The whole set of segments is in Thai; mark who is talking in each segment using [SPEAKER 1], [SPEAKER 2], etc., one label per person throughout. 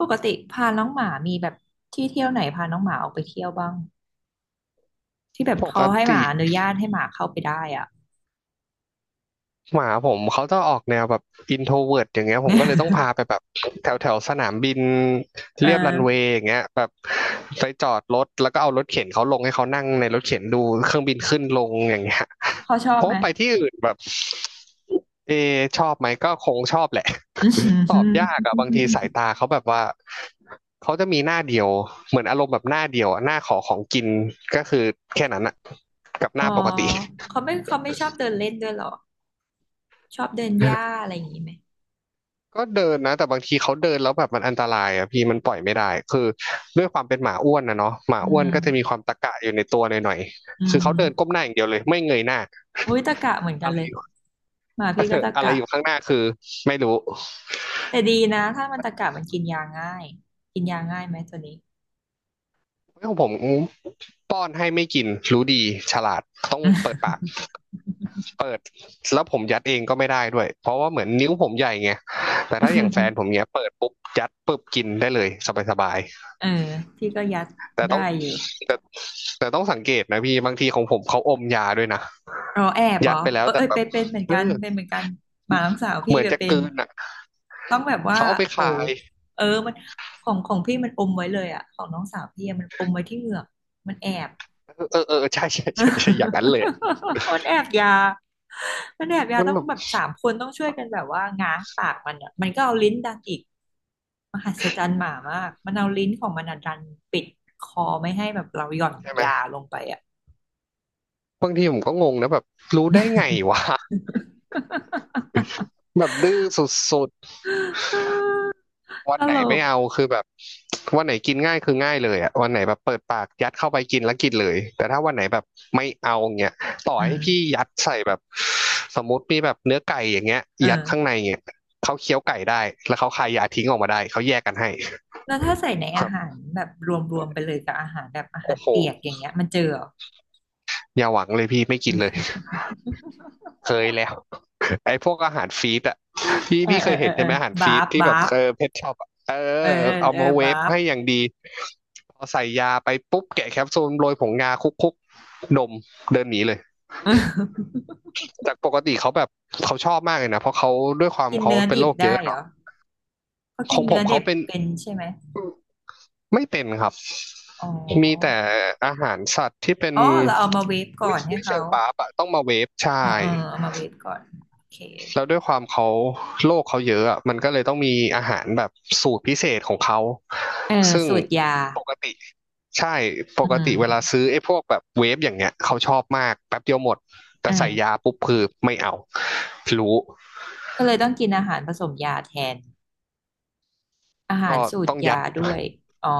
[SPEAKER 1] ปกติพาน้องหมามีแบบที่เที่ยวไหนพาน้องหมาออกไปเที่ยวบ้างที่แบบ
[SPEAKER 2] ป
[SPEAKER 1] พอให้
[SPEAKER 2] ก
[SPEAKER 1] ห
[SPEAKER 2] ติ
[SPEAKER 1] มาอนุญาตให้หมาเข้าไปได้อ่ะ
[SPEAKER 2] หมาผมเขาจะออกแนวแบบอินโทรเวิร์ตอย่างเงี้ยผมก็เลยต้องพาไป แบบแถวแถวสนามบิน
[SPEAKER 1] เอ
[SPEAKER 2] เรียบรั
[SPEAKER 1] อ
[SPEAKER 2] นเวย์อย่างเงี้ยแบบไปจอดรถแล้วก็เอารถเข็นเขาลงให้เขานั่งในรถเข็นดูเครื่องบินขึ้นลงอย่างเงี้ย
[SPEAKER 1] เขาชอ
[SPEAKER 2] เพ
[SPEAKER 1] บ
[SPEAKER 2] ราะ
[SPEAKER 1] ไหม
[SPEAKER 2] ว่าไปที่อื่นแบบเอชอบไหมก็คงชอบแหละ ตอบยากอะบางทีสาย ตาเขาแบบว่าเขาจะมีหน้าเดียวเหมือนอารมณ์แบบหน้าเดียวอะหน้าขอของกินก็คือแค่นั้นอะกับห
[SPEAKER 1] อ๋อ
[SPEAKER 2] น้าปกติ
[SPEAKER 1] เขาไม่ชอบเดินเล่นด้วยเหรอชอบเดินหญ้าอะไรอย่างนี้ไหม
[SPEAKER 2] ก็เดินนะแต่บางทีเขาเดินแล้วแบบมันอันตรายอ่ะพี่มันปล่อยไม่ได้คือด้วยความเป็นหมาอ้วนนะเนาะหมา
[SPEAKER 1] อื
[SPEAKER 2] อ้วนก็จะมีค
[SPEAKER 1] ม
[SPEAKER 2] วามตะกะอยู่ในตัวหน่อย
[SPEAKER 1] อื
[SPEAKER 2] ๆคือเขาเดินก้
[SPEAKER 1] ม
[SPEAKER 2] มหน้าอย่างเดียวเลยไม่เงยหน้า
[SPEAKER 1] อุ้ยตะกะเหมือนกั
[SPEAKER 2] อะ
[SPEAKER 1] น
[SPEAKER 2] ไร
[SPEAKER 1] เลย
[SPEAKER 2] อยู่
[SPEAKER 1] หมาพี่ก็ตะ
[SPEAKER 2] อะไร
[SPEAKER 1] กะ
[SPEAKER 2] อยู่ข้างหน้าคือไม่รู้
[SPEAKER 1] แต่ดีนะถ้ามันตะกะมันกินยาง่ายกินยาง่ายไหมตัวนี้
[SPEAKER 2] ของผมป้อนให้ไม่กินรู้ดีฉลาดต้องเปิดปาก เปิดแล้วผมยัดเองก็ไม่ได้ด้วยเพราะว่าเหมือนนิ้วผมใหญ่ไงแต่ถ้าอย่างแฟนผมเนี้ยเปิดปุ๊บยัดปุ๊บกินได้เลยสบาย
[SPEAKER 1] เออพี่ก็ยัด
[SPEAKER 2] ๆแต่
[SPEAKER 1] ได้
[SPEAKER 2] ต้อง
[SPEAKER 1] อยู่
[SPEAKER 2] แต่แต่ต้องสังเกตนะพี่บางทีของผมเขาอมยาด้วยนะ
[SPEAKER 1] อ๋อแอบเหร
[SPEAKER 2] ยั
[SPEAKER 1] อ
[SPEAKER 2] ดไปแล้
[SPEAKER 1] เอ
[SPEAKER 2] ว
[SPEAKER 1] อ
[SPEAKER 2] แต่
[SPEAKER 1] เอย
[SPEAKER 2] แบ
[SPEAKER 1] เป็
[SPEAKER 2] บ
[SPEAKER 1] นเป็นเหมือน
[SPEAKER 2] เออ
[SPEAKER 1] กันเป็นเหมือนกันหมาน้องสาว
[SPEAKER 2] เห
[SPEAKER 1] พี่
[SPEAKER 2] มือน
[SPEAKER 1] แบบ
[SPEAKER 2] จะ
[SPEAKER 1] เป็
[SPEAKER 2] ก
[SPEAKER 1] น
[SPEAKER 2] ลืนอ่ะ
[SPEAKER 1] ต้องแบบว่า
[SPEAKER 2] เขาเอาไป
[SPEAKER 1] โห
[SPEAKER 2] คาย
[SPEAKER 1] เออมันของพี่มันอมไว้เลยอะของน้องสาวพี่อะมันอมไว้ที่เหงือกมันแอบ
[SPEAKER 2] เออเออใช่ใช่ใช่ใช่อย่างนั้นเลย
[SPEAKER 1] มันแอบยามันแอบยา
[SPEAKER 2] มัน
[SPEAKER 1] ต้อง
[SPEAKER 2] แบบ
[SPEAKER 1] แบบสามคนต้องช่วยกันแบบว่าง้างปากมันอะมันก็เอาลิ้นดันอีกมหัศจรรย์หมามากมันเอาลิ้นของมันอะดันปิดคอไม่ให้แบบเราหย่อน
[SPEAKER 2] ใช่ไหม
[SPEAKER 1] ยาลงไปอะ
[SPEAKER 2] บางทีผมก็งงนะแบบรู้ได้ไงวะแบบดื้อสุดๆ วั
[SPEAKER 1] ต
[SPEAKER 2] นไหน
[SPEAKER 1] ล
[SPEAKER 2] ไม่
[SPEAKER 1] ก
[SPEAKER 2] เอาคือแบบวันไหนกินง่ายคือง่ายเลยอะวันไหนแบบเปิดปากยัดเข้าไปกินแล้วกินเลยแต่ถ้าวันไหนแบบไม่เอาเงี้ยต่อ
[SPEAKER 1] อืม
[SPEAKER 2] ให้พี่ยัดใส่แบบสมมติมีแบบเนื้อไก่อย่างเงี้ย
[SPEAKER 1] เอ
[SPEAKER 2] ยัด
[SPEAKER 1] อ
[SPEAKER 2] ข้างในเงี้ยเขาเคี้ยวไก่ได้แล้วเขาคายยาทิ้งออกมาได้เขาแยกกันให้
[SPEAKER 1] แล้วถ้าใส่ใน
[SPEAKER 2] ค
[SPEAKER 1] อา
[SPEAKER 2] รั
[SPEAKER 1] หา
[SPEAKER 2] บ
[SPEAKER 1] รแบบรวมๆไปเลยกับอาหารแบบอาหา
[SPEAKER 2] โอ้
[SPEAKER 1] ร
[SPEAKER 2] โห
[SPEAKER 1] เปียกอย่างเงี้ยมันเจอเหรอ
[SPEAKER 2] อย่าหวังเลยพี่ไม่กินเลยเคยแล้วไอ้พวกอาหารฟีดอะพี่
[SPEAKER 1] เออ
[SPEAKER 2] พี่เค
[SPEAKER 1] เออ
[SPEAKER 2] ย
[SPEAKER 1] เอ
[SPEAKER 2] เห็
[SPEAKER 1] อ
[SPEAKER 2] น
[SPEAKER 1] เอ
[SPEAKER 2] ใช่
[SPEAKER 1] อ
[SPEAKER 2] ไหมอาหาร
[SPEAKER 1] บา
[SPEAKER 2] ฟีด
[SPEAKER 1] ฟ
[SPEAKER 2] ที่
[SPEAKER 1] บา
[SPEAKER 2] แบบ
[SPEAKER 1] ฟ
[SPEAKER 2] เออเพชช็อปเออ
[SPEAKER 1] เออเออ
[SPEAKER 2] เอา
[SPEAKER 1] เออ
[SPEAKER 2] มาเว
[SPEAKER 1] บา
[SPEAKER 2] ฟ
[SPEAKER 1] ฟ
[SPEAKER 2] ให้ อย่างดีพอใส่ยาไปปุ๊บแกะแคปซูลโรยผงงาคุกๆนมเดินหนีเลย
[SPEAKER 1] เอ
[SPEAKER 2] จากปกติเขาแบบเขาชอบมากเลยนะเพราะเขาด้วยความ
[SPEAKER 1] กิน
[SPEAKER 2] เขา
[SPEAKER 1] เนื้อ
[SPEAKER 2] เป็น
[SPEAKER 1] ดิ
[SPEAKER 2] โร
[SPEAKER 1] บ
[SPEAKER 2] คเย
[SPEAKER 1] ได้
[SPEAKER 2] อะ
[SPEAKER 1] เหร
[SPEAKER 2] เนาะ
[SPEAKER 1] อเขา
[SPEAKER 2] ข
[SPEAKER 1] กิ
[SPEAKER 2] อ
[SPEAKER 1] น
[SPEAKER 2] งผ
[SPEAKER 1] เนื้
[SPEAKER 2] ม
[SPEAKER 1] อดิ
[SPEAKER 2] เขา
[SPEAKER 1] บ
[SPEAKER 2] เป็น
[SPEAKER 1] เป็นใช่ไหม
[SPEAKER 2] ไม่เป็นครับ
[SPEAKER 1] อ๋
[SPEAKER 2] มีแต่
[SPEAKER 1] อ
[SPEAKER 2] อาหารสัตว์ที่เป็น
[SPEAKER 1] อ๋อเราเอามาเวฟก่อ
[SPEAKER 2] ไม่
[SPEAKER 1] นให้
[SPEAKER 2] ไม่
[SPEAKER 1] เขา
[SPEAKER 2] เชิงบาปอะต้องมาเวฟใช่
[SPEAKER 1] เออเอามาเวฟก่อนโอเค
[SPEAKER 2] แล้วด้วยความเขาโรคเขาเยอะอะมันก็เลยต้องมีอาหารแบบสูตรพิเศษของเขา
[SPEAKER 1] เออ
[SPEAKER 2] ซึ่ง
[SPEAKER 1] สูตรยา
[SPEAKER 2] ปกติใช่ป
[SPEAKER 1] อื
[SPEAKER 2] กติเวลา
[SPEAKER 1] ม
[SPEAKER 2] ซื้อไอ้พวกแบบเวฟอย่างเงี้ยเขาชอบมากแป๊บเดียวหมด แต่
[SPEAKER 1] เอ
[SPEAKER 2] ใส่ยา
[SPEAKER 1] อ
[SPEAKER 2] ปุ๊บคือไม่เอารู้
[SPEAKER 1] ก็เลยต้องกินอาหารผสมยาแทนอาหา
[SPEAKER 2] ก็
[SPEAKER 1] รสูต
[SPEAKER 2] ต้
[SPEAKER 1] ร
[SPEAKER 2] องยั
[SPEAKER 1] ยา
[SPEAKER 2] ด
[SPEAKER 1] ด้วยอ๋อ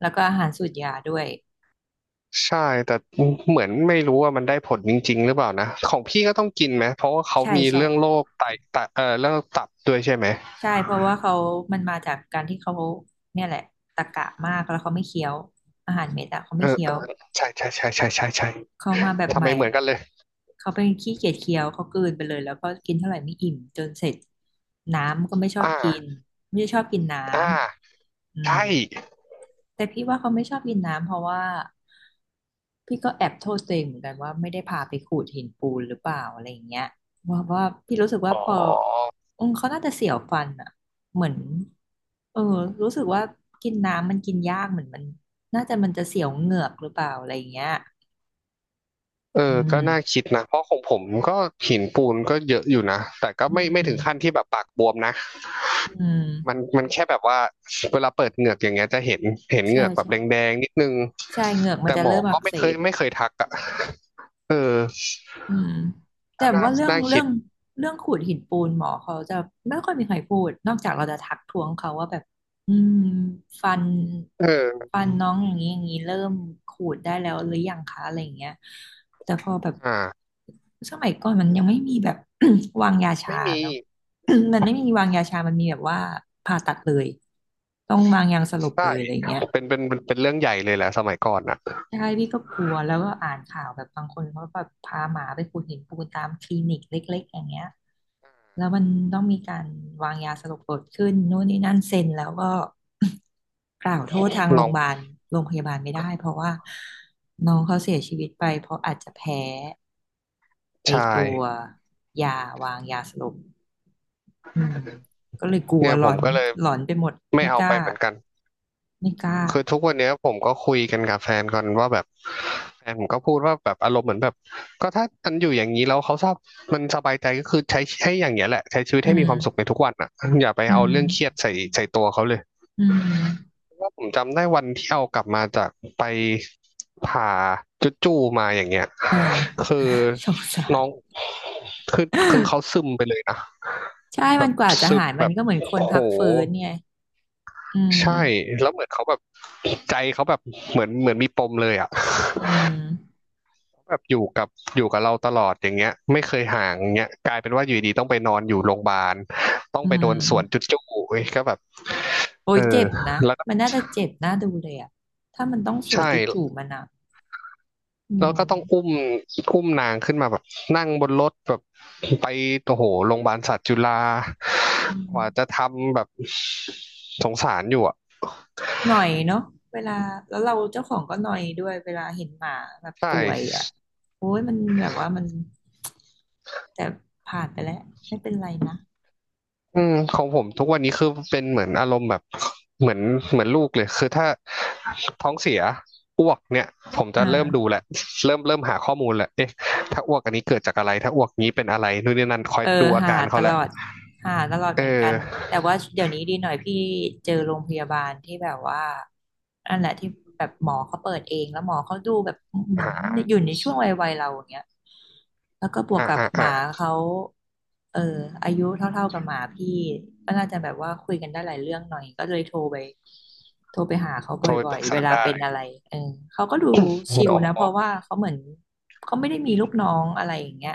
[SPEAKER 1] แล้วก็อาหารสูตรยาด้วย
[SPEAKER 2] ใช่แต่เหมือนไม่รู้ว่ามันได้ผลจริงๆหรือเปล่านะของพี่ก็ต้องกินไหมเพราะว่าเขา
[SPEAKER 1] ใช่
[SPEAKER 2] มี
[SPEAKER 1] ใช่
[SPEAKER 2] เรื่องโรคไตไตเรื่องตับด้วยใช่ไหม
[SPEAKER 1] ใช่เพราะว่าเขามันมาจากการที่เขาเนี่ยแหละตะกะมากแล้วเขาไม่เคี้ยวอาหารเม็ดอะเขา
[SPEAKER 2] เอ
[SPEAKER 1] ไม่
[SPEAKER 2] อ
[SPEAKER 1] เคี้ย
[SPEAKER 2] เออ
[SPEAKER 1] ว
[SPEAKER 2] ใช่ใช่ใช่ใช่ใช่ใช่
[SPEAKER 1] เขามาแบบ
[SPEAKER 2] ทำ
[SPEAKER 1] ให
[SPEAKER 2] ไม
[SPEAKER 1] ม่
[SPEAKER 2] เหมือนกันเลย
[SPEAKER 1] เขาเป็นขี้เกียจเคี้ยวเขากลืนไปเลยแล้วก็กินเท่าไหร่ไม่อิ่มจนเสร็จน้ำก็ไม่ชอบ
[SPEAKER 2] อ่า
[SPEAKER 1] กินไม่ได้ชอบกินน้
[SPEAKER 2] อ่า
[SPEAKER 1] ำอืม
[SPEAKER 2] ใช่
[SPEAKER 1] แต่พี่ว่าเขาไม่ชอบกินน้ำเพราะว่าพี่ก็แอบโทษตัวเองเหมือนกันว่าไม่ได้พาไปขูดหินปูนหรือเปล่าอะไรอย่างเงี้ยว่าว่าพี่รู้สึกว่า
[SPEAKER 2] อ๋
[SPEAKER 1] พอ
[SPEAKER 2] อ
[SPEAKER 1] อืมเขาน่าจะเสียวฟันอ่ะเหมือนเออรู้สึกว่ากินน้ำมันกินยากเหมือนมันน่าจะมันจะเสียวเหงือกหรือเปล่าอะไรอย่างเงี้ย
[SPEAKER 2] เอ
[SPEAKER 1] อื
[SPEAKER 2] อก็น่า
[SPEAKER 1] ม
[SPEAKER 2] คิดนะ เพราะของผมก็หินปูนก็เยอะอยู่นะ แต่ก็
[SPEAKER 1] อื
[SPEAKER 2] ไม่ไม่ถึ
[SPEAKER 1] ม
[SPEAKER 2] งขั้นที่แบบปากบวมนะ
[SPEAKER 1] อืม
[SPEAKER 2] มันมันแค่แบบว่าเวลาเปิดเหงือกอย่างเงี้ยจะเห็นเห็นเหงื
[SPEAKER 1] ใช่
[SPEAKER 2] อกแบบ
[SPEAKER 1] ใช่
[SPEAKER 2] แดงๆนิดนึง
[SPEAKER 1] ใช่เหงือกมัน
[SPEAKER 2] แต่
[SPEAKER 1] จะ
[SPEAKER 2] หมอ
[SPEAKER 1] เริ่มอั
[SPEAKER 2] ก็
[SPEAKER 1] ก
[SPEAKER 2] ไม่
[SPEAKER 1] เส
[SPEAKER 2] เคย
[SPEAKER 1] บ
[SPEAKER 2] ไม่เคยทักอ่ะเออ
[SPEAKER 1] อืมแต่
[SPEAKER 2] น่าน่า
[SPEAKER 1] ว่าเรื่อง
[SPEAKER 2] น่า
[SPEAKER 1] เรื่
[SPEAKER 2] คิ
[SPEAKER 1] อ
[SPEAKER 2] ด
[SPEAKER 1] งเรื่องขูดหินปูนหมอเขาจะไม่ค่อยมีใครพูดนอกจากเราจะทักท้วงเขาว่าแบบอืมฟัน
[SPEAKER 2] เออ
[SPEAKER 1] ฟันน้องอย่างนี้อย่างนี้เริ่มขูดได้แล้วหรือยังคะอะไรอย่างเงี้ยแต่พอแบบ
[SPEAKER 2] อ่า
[SPEAKER 1] สมัยก่อนมันยังไม่มีแบบ วางยาชา
[SPEAKER 2] ไม่มี
[SPEAKER 1] เนาะ มันไม่มีวางยาชามันมีแบบว่าผ่าตัดเลยต้องวางยาสลบเล
[SPEAKER 2] ใช่
[SPEAKER 1] ยอะไรอย่างเงี้ย
[SPEAKER 2] เป็นเป็นเป็นเป็นเรื่องใหญ่เลยแหละสมัยก่อนอ่ะ
[SPEAKER 1] ใช่พี่ก็กลัวแล้วก็อ่านข่าวแบบบางคนเขาแบบพาหมาไปขูดหินปูนตามคลินิกเล็กๆอย่างเงี้ยแล้วมันต้องมีการวางยาสลบเกิดขึ้นนู่นนี่นั่นเซ็นแล้วก็ กล่าวโทษทางโร
[SPEAKER 2] น้อ
[SPEAKER 1] งพ
[SPEAKER 2] ง
[SPEAKER 1] ยาบาลโรงพยาบาลไม่ได้เพราะว่าน้องเขาเสียชีวิตไปเพราะอาจจะแพ้ไอ
[SPEAKER 2] ชาย
[SPEAKER 1] ตัวยาวางยาสลบอืมก็เลยกลัว
[SPEAKER 2] เนี่ย
[SPEAKER 1] หล
[SPEAKER 2] ผ
[SPEAKER 1] อ
[SPEAKER 2] ม
[SPEAKER 1] น
[SPEAKER 2] ก็เลย
[SPEAKER 1] หลอนไปหมด
[SPEAKER 2] ไม่
[SPEAKER 1] ไม่
[SPEAKER 2] เอา
[SPEAKER 1] ก
[SPEAKER 2] ไป
[SPEAKER 1] ล้า
[SPEAKER 2] เหมือนกัน
[SPEAKER 1] ไม่กล้า
[SPEAKER 2] คือทุกวันเนี้ยผมก็คุยกันกับแฟนก่อนว่าแบบแฟนผมก็พูดว่าแบบอารมณ์เหมือนแบบก็ถ้ามันอยู่อย่างนี้แล้วเขาชอบมันสบายใจก็คือใช้ให้อย่างเงี้ยแหละใช้ชีวิต
[SPEAKER 1] อื
[SPEAKER 2] ให้มี
[SPEAKER 1] ม
[SPEAKER 2] ความสุขในทุกวันอ่ะอย่าไป
[SPEAKER 1] อื
[SPEAKER 2] เอา
[SPEAKER 1] ม
[SPEAKER 2] เรื่องเครียดใส่ใส่ตัวเขาเลย
[SPEAKER 1] อืม
[SPEAKER 2] ว่าผมจำได้วันที่เอากลับมาจากไปผ่าจุดจูมาอย่างเงี้ย
[SPEAKER 1] เออ
[SPEAKER 2] คือ
[SPEAKER 1] สงสา
[SPEAKER 2] น้
[SPEAKER 1] ร
[SPEAKER 2] อง คือคือเขาซึมไปเลยนะ
[SPEAKER 1] ใช่
[SPEAKER 2] แบ
[SPEAKER 1] มัน
[SPEAKER 2] บ
[SPEAKER 1] กว่าจะ
[SPEAKER 2] ซึม
[SPEAKER 1] หายมั
[SPEAKER 2] แบ
[SPEAKER 1] น
[SPEAKER 2] บ
[SPEAKER 1] ก็เหมือนคน
[SPEAKER 2] โห
[SPEAKER 1] พักฟื้นไงอืม
[SPEAKER 2] ใช่แล้วเหมือนเขาแบบใจเขาแบบเหมือนเหมือนมีปมเลยอ่ะ
[SPEAKER 1] อืม
[SPEAKER 2] เขาแบบอยู่กับอยู่กับเราตลอดอย่างเงี้ยไม่เคยห่างอย่างเงี้ยกลายเป็นว่าอยู่ดีๆต้องไปนอนอยู่โรงพยาบาลต้อง
[SPEAKER 1] อื
[SPEAKER 2] ไปโด
[SPEAKER 1] ม
[SPEAKER 2] นสวนจุดจู้เว้ยก็แบบ
[SPEAKER 1] โอ้
[SPEAKER 2] เอ
[SPEAKER 1] ย
[SPEAKER 2] อ
[SPEAKER 1] เจ็บนะ
[SPEAKER 2] แล้วก็
[SPEAKER 1] มันน่าจะเจ็บน่าดูเลยอะถ้ามันต้องสวน
[SPEAKER 2] ใช่
[SPEAKER 1] จู่ๆมันอะอื
[SPEAKER 2] แล้วก็ต้องอุ้
[SPEAKER 1] ม
[SPEAKER 2] มอุ้มนางขึ้นมาแบบนั่งบนรถแบบไปโอ้โหโรงพยาบาลสัตว์จุฬา
[SPEAKER 1] อื
[SPEAKER 2] ก
[SPEAKER 1] ม
[SPEAKER 2] ว่าจะทำแบบสงสารอยู่อ่ะ
[SPEAKER 1] หน่อยเนาะเวลาแล้วเราเจ้าของก็หน่อยด้วยเวลาเห็นหมาแบบ
[SPEAKER 2] ใช
[SPEAKER 1] ป่วยอะ
[SPEAKER 2] ่
[SPEAKER 1] โอ้ยมันแบบว่ามันแต่ผ่านไปแล้วไม่เป็นไรนะ
[SPEAKER 2] ของผมทุกวันนี้คือเป็นเหมือนอารมณ์แบบเหมือนเหมือนลูกเลยคือถ้าท้องเสียอ้วกเนี่ยผมจะ
[SPEAKER 1] อ่า
[SPEAKER 2] เริ่มดูแหละเริ่มหาข้อมูลแหละเอ๊ะถ้าอ้วกอันนี้เกิดจากอะไรถ้าอ้วกนี้เป็นอะไรนู่นนี่นั่นคอย
[SPEAKER 1] เออ
[SPEAKER 2] ดูอา
[SPEAKER 1] หา
[SPEAKER 2] การ
[SPEAKER 1] ต
[SPEAKER 2] เขาแห
[SPEAKER 1] ลอ
[SPEAKER 2] ละ
[SPEAKER 1] ดหาตลอด
[SPEAKER 2] เอ
[SPEAKER 1] เหมือนกั
[SPEAKER 2] อ
[SPEAKER 1] นแต่ว่าเดี๋ยวนี้ดีหน่อยพี่เจอโรงพยาบาลที่แบบว่านั่นแหละที่แบบหมอเขาเปิดเองแล้วหมอเขาดูแบบเหมือน
[SPEAKER 2] หา
[SPEAKER 1] อยู่ในช่วงวัยเราอย่างเงี้ยแล้วก็บวก
[SPEAKER 2] อ่า
[SPEAKER 1] กับ
[SPEAKER 2] อ่า
[SPEAKER 1] ห
[SPEAKER 2] อ่า
[SPEAKER 1] มาเขาเอออายุเท่าๆกับหมาพี่ก็น่าจะแบบว่าคุยกันได้หลายเรื่องหน่อยก็เลยโทรไปโทรไปหาเขาบ
[SPEAKER 2] โทรไป
[SPEAKER 1] ่
[SPEAKER 2] ป
[SPEAKER 1] อย
[SPEAKER 2] รึก
[SPEAKER 1] ๆเว
[SPEAKER 2] ษา
[SPEAKER 1] ลา
[SPEAKER 2] ได้
[SPEAKER 1] เป็นอะไรเออเขาก็ดูชิล
[SPEAKER 2] เนา
[SPEAKER 1] นะเพ
[SPEAKER 2] ะ
[SPEAKER 1] ราะว่าเขาเหมือนเขาไม่ได้มีลูกน้องอะไรอย่างเงี้ย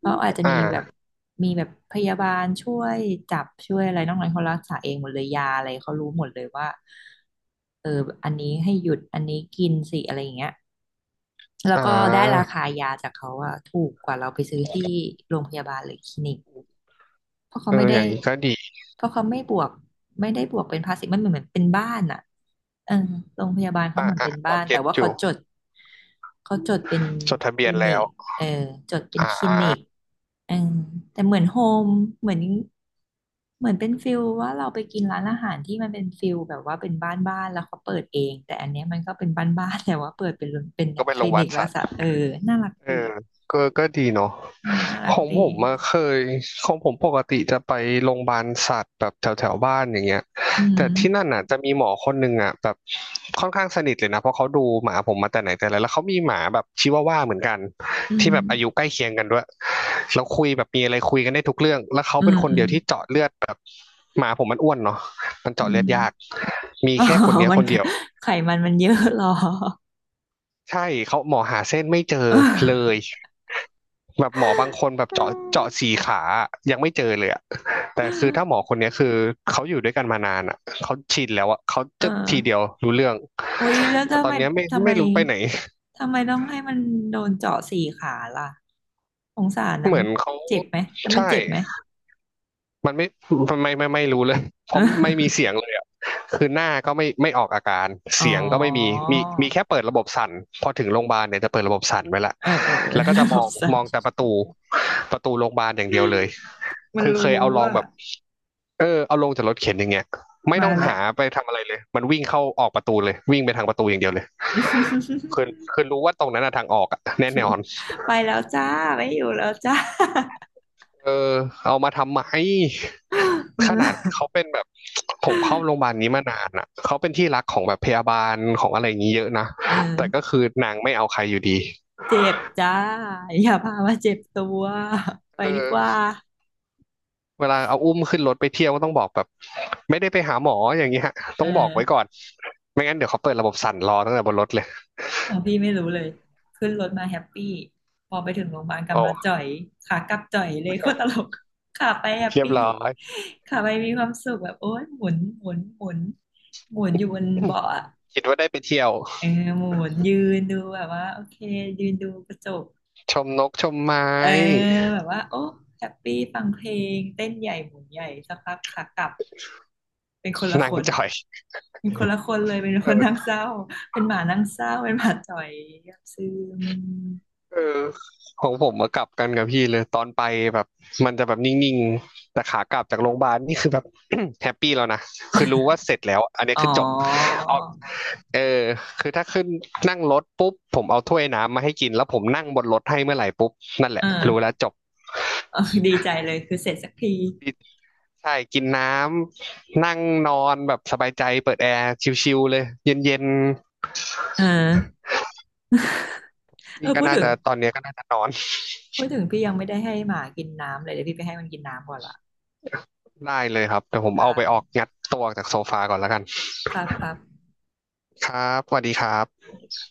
[SPEAKER 1] เขาอาจจะ
[SPEAKER 2] อ่
[SPEAKER 1] มีแบบ
[SPEAKER 2] า
[SPEAKER 1] มีแบบพยาบาลช่วยจับช่วยอะไรนอกนั้นเขารักษาเองหมดเลยยาอะไรเขารู้หมดเลยว่าเอออันนี้ให้หยุด อันนี้กินสิอะไรอย่างเงี้ยแล้ว
[SPEAKER 2] อ่
[SPEAKER 1] ก็ได้รา
[SPEAKER 2] า
[SPEAKER 1] คายาจากเขาอะถูกกว่าเราไปซื้อที่โรงพยาบาลหรือคลินิก เพราะเขา
[SPEAKER 2] เออ
[SPEAKER 1] ไม่ได้
[SPEAKER 2] อย่างนี้ก็ดี
[SPEAKER 1] เพราะเขาไม่บวกไม่ได้บวกเป็นภาษีมันเหมือนเหมือนเป็นบ้านอ่ะเออโรงพยาบาลเขาเหมือนเป็น
[SPEAKER 2] พ
[SPEAKER 1] บ้า
[SPEAKER 2] อ
[SPEAKER 1] นแต่
[SPEAKER 2] เก็ต
[SPEAKER 1] ว่า
[SPEAKER 2] อ
[SPEAKER 1] เขา
[SPEAKER 2] ยู่
[SPEAKER 1] จดเป็น
[SPEAKER 2] จดทะ
[SPEAKER 1] ค
[SPEAKER 2] เบีย
[SPEAKER 1] ลิ
[SPEAKER 2] น
[SPEAKER 1] นิ
[SPEAKER 2] แล้
[SPEAKER 1] ก
[SPEAKER 2] ว
[SPEAKER 1] เออจดเป็น
[SPEAKER 2] อ่า
[SPEAKER 1] คลินิกเออแต่เหมือนโฮมเหมือนเหมือนเป็นฟิลว่าเราไปกินร้านอาหารที่มันเป็นฟิลแบบว่าเป็นบ้านบ้านแล้วเขาเปิดเองแต่อันเนี้ยมันก็เป็นบ้านบ้านแต่ว่าเปิดเป็นเป็นเนี่
[SPEAKER 2] ก็
[SPEAKER 1] ย
[SPEAKER 2] ไป
[SPEAKER 1] ค
[SPEAKER 2] โร
[SPEAKER 1] ลิ
[SPEAKER 2] งพยา
[SPEAKER 1] นิ
[SPEAKER 2] บาล
[SPEAKER 1] กแล้ว
[SPEAKER 2] สัตว์
[SPEAKER 1] สะเออน่ารัก
[SPEAKER 2] เอ
[SPEAKER 1] ดี
[SPEAKER 2] อก็ก็ดีเนาะ
[SPEAKER 1] เออน่ารั
[SPEAKER 2] ข
[SPEAKER 1] ก
[SPEAKER 2] อง
[SPEAKER 1] ดี
[SPEAKER 2] ผมมาเคยของผมปกติจะไปโรงพยาบาลสัตว์แบบแถวแถวบ้านอย่างเงี้ย
[SPEAKER 1] อื
[SPEAKER 2] แต่ที่นั่น
[SPEAKER 1] ม
[SPEAKER 2] น่ะจะมีหมอคนหนึ่งอ่ะแบบค่อนข้างสนิทเลยนะเพราะเขาดูหมาผมมาแต่ไหนแต่ไรแล้วเขามีหมาแบบชิวาว่าเหมือนกัน
[SPEAKER 1] อื
[SPEAKER 2] ที่
[SPEAKER 1] ม
[SPEAKER 2] แบบอายุใกล้เคียงกันด้วยแล้วคุยแบบมีอะไรคุยกันได้ทุกเรื่องแล้วเขา
[SPEAKER 1] อื
[SPEAKER 2] เป็
[SPEAKER 1] ม
[SPEAKER 2] นคน
[SPEAKER 1] อื
[SPEAKER 2] เดี
[SPEAKER 1] ม
[SPEAKER 2] ยวที่เจาะเลือดแบบหมาผมมันอ้วนเนาะมัน
[SPEAKER 1] อื
[SPEAKER 2] เจาะเลือ
[SPEAKER 1] ม
[SPEAKER 2] ดยากมี
[SPEAKER 1] อ๋อ
[SPEAKER 2] แค่คนเนี้ย
[SPEAKER 1] มั
[SPEAKER 2] ค
[SPEAKER 1] น
[SPEAKER 2] น
[SPEAKER 1] ก็
[SPEAKER 2] เดียว
[SPEAKER 1] ไขมันมันเยอะเหรอ
[SPEAKER 2] ใช่เขาหมอหาเส้นไม่เจอ
[SPEAKER 1] เออ
[SPEAKER 2] เลย แบบหมอบางคนแบบเจาะสี่ขาอะยังไม่เจอเลยอะ แต่คือถ้าหมอคนเนี้ยคือเขาอยู่ด้วยกันมานานอะเขาชินแล้วอะเขา
[SPEAKER 1] เออ
[SPEAKER 2] จะทีเดียวรู้เรื่อง
[SPEAKER 1] โอ้ยแล้ว
[SPEAKER 2] แต่
[SPEAKER 1] ทำ
[SPEAKER 2] ตอ
[SPEAKER 1] ไม
[SPEAKER 2] นเนี้ยไม่
[SPEAKER 1] ทำไม
[SPEAKER 2] ไม่รู้ไปไหน
[SPEAKER 1] ทำไมต้องให้มันโดนเจาะสี่ขาล่ะสงสาร นะ
[SPEAKER 2] เหมื
[SPEAKER 1] มัน
[SPEAKER 2] อนเขา
[SPEAKER 1] เจ็บไหมแล้วมัน
[SPEAKER 2] ใช่
[SPEAKER 1] เจ็บไหม
[SPEAKER 2] มันไม่มันไม่รู้เลย เพ
[SPEAKER 1] เออ
[SPEAKER 2] ราะไม่มีเสียง เลยอ่ะคือหน้าก็ไม่ไม่ออกอาการ
[SPEAKER 1] อ๋อ
[SPEAKER 2] เสียงก็ไม่มีมี มีแค่เปิดระบบสั่นพอถึงโรงพยาบาลเนี่ยจะเปิดระบบสั่นไว้ละ
[SPEAKER 1] เออ
[SPEAKER 2] แล้วก็
[SPEAKER 1] ระ
[SPEAKER 2] จะ
[SPEAKER 1] บ
[SPEAKER 2] มอ
[SPEAKER 1] บ
[SPEAKER 2] ง
[SPEAKER 1] สั่
[SPEAKER 2] ม
[SPEAKER 1] น
[SPEAKER 2] องแต่ประตูประตูโรงพยาบาลอย่างเดียวเลย
[SPEAKER 1] มัน
[SPEAKER 2] คือเคยเอาลอง
[SPEAKER 1] ละ
[SPEAKER 2] แบบเออเอาลงจากรถเข็นอย่างเงี้ยไม่ต้องหาไปทำอะไรเลยมันวิ่งเข้าออกประตูเลยวิ่งไปทางประตูอย่างเดียวเลยคือ คือรู้ว่าตรงนั้นอะทางออกอะแน่นอน
[SPEAKER 1] ไปแล้วจ้า ไม่อยู่แล้วจ้า
[SPEAKER 2] เออเอามาทำไม ขนาด เขาเป็นแบบผมเข้าโรงพยาบาลนี้มานานอ่ะเขาเป็นที่รักของแบบพยาบาลของอะไรอย่างนี้เยอะนะ
[SPEAKER 1] เออ
[SPEAKER 2] แต่ก็คือนางไม่เอาใครอยู่ดี
[SPEAKER 1] เจ็บจ้าอย่าพามาเจ็บตัวไป
[SPEAKER 2] เอ
[SPEAKER 1] ดีกว่า
[SPEAKER 2] อเวลาเอาอุ้มขึ้นรถไปเที่ยวก็ต้องบอกแบบไม่ได้ไปหาหมออย่างเงี้ย
[SPEAKER 1] เอ
[SPEAKER 2] ต้องบอกไว้ก่อ
[SPEAKER 1] อ
[SPEAKER 2] นไม่งั้นเดี๋ยวเขาเปิดระบบสั่นรอตั้งแต่บนรถเลย
[SPEAKER 1] ของพี่ไม่รู้เลยขึ้นรถมาแฮปปี้พอไปถึงโรงพยาบาลกลับมา
[SPEAKER 2] โอ้
[SPEAKER 1] จ่อยขากลับจ่อยเลยโคตรตล กขาไปแฮป
[SPEAKER 2] เรียบ
[SPEAKER 1] ปี้
[SPEAKER 2] ร้อย
[SPEAKER 1] ขาไปมีความสุขแบบโอ๊ยหมุนหมุนหมุนหมุนอยู่บนเบาะอะ
[SPEAKER 2] คิดว่าได้ไปเที่ยว
[SPEAKER 1] เออหมุนยืนดูแบบว่าโอเคยืนดูกระจก
[SPEAKER 2] ชมนกชมไม้
[SPEAKER 1] เออแบบว่าโอ้แฮปปี้ฟังเพลงเต้นใหญ่หมุนใหญ่สักพักขากลับ เป็นคนละ
[SPEAKER 2] นา
[SPEAKER 1] ค
[SPEAKER 2] ง
[SPEAKER 1] น
[SPEAKER 2] จ่อย
[SPEAKER 1] เลย เป็น
[SPEAKER 2] เอ
[SPEAKER 1] คนนั่
[SPEAKER 2] อ
[SPEAKER 1] งเศร้า เป็นหมานั่งเศร้า เป็นหมาจ่อยเงียบซึม
[SPEAKER 2] เออของผมมากลับกันกับพี่เลยตอนไปแบบมันจะแบบนิ่งๆแต่ขากลับจากโรงพยาบาลนี่คือแบบ แฮปปี้แล้วนะคือรู้ว่าเสร็จแล้วอันนี้
[SPEAKER 1] อ๋อ
[SPEAKER 2] คือจบออกเออคือถ้าขึ้นนั่งรถปุ๊บผมเอาถ้วยน้ำมาให้กินแล้วผมนั่งบนรถให้เมื่อไหร่ปุ๊บนั่นแห
[SPEAKER 1] เอ
[SPEAKER 2] ละ
[SPEAKER 1] อ
[SPEAKER 2] รู้แล้วจบ
[SPEAKER 1] เออดีใจเลยคือเสร็จสักที
[SPEAKER 2] ใช่กินน้ำนั่งนอนแบบสบายใจเปิดแอร์ชิลๆเลยเย็นๆ
[SPEAKER 1] เออเอ
[SPEAKER 2] นี่
[SPEAKER 1] อ
[SPEAKER 2] ก็
[SPEAKER 1] พูด
[SPEAKER 2] น่า
[SPEAKER 1] ถึง
[SPEAKER 2] จะตอนเนี้ยก็น่าจะนอน
[SPEAKER 1] พี่ยังไม่ได้ให้หมากินน้ำเลยเดี๋ยวพี่ไปให้มันกินน้ำก่อนละ
[SPEAKER 2] ได้เลยครับแต่ผม
[SPEAKER 1] ครั
[SPEAKER 2] เอาไปออก
[SPEAKER 1] บ
[SPEAKER 2] งัดตัวออกจากโซฟาก่อนแล้วกัน
[SPEAKER 1] ครับครั
[SPEAKER 2] ครับสวัสดีครับ
[SPEAKER 1] บ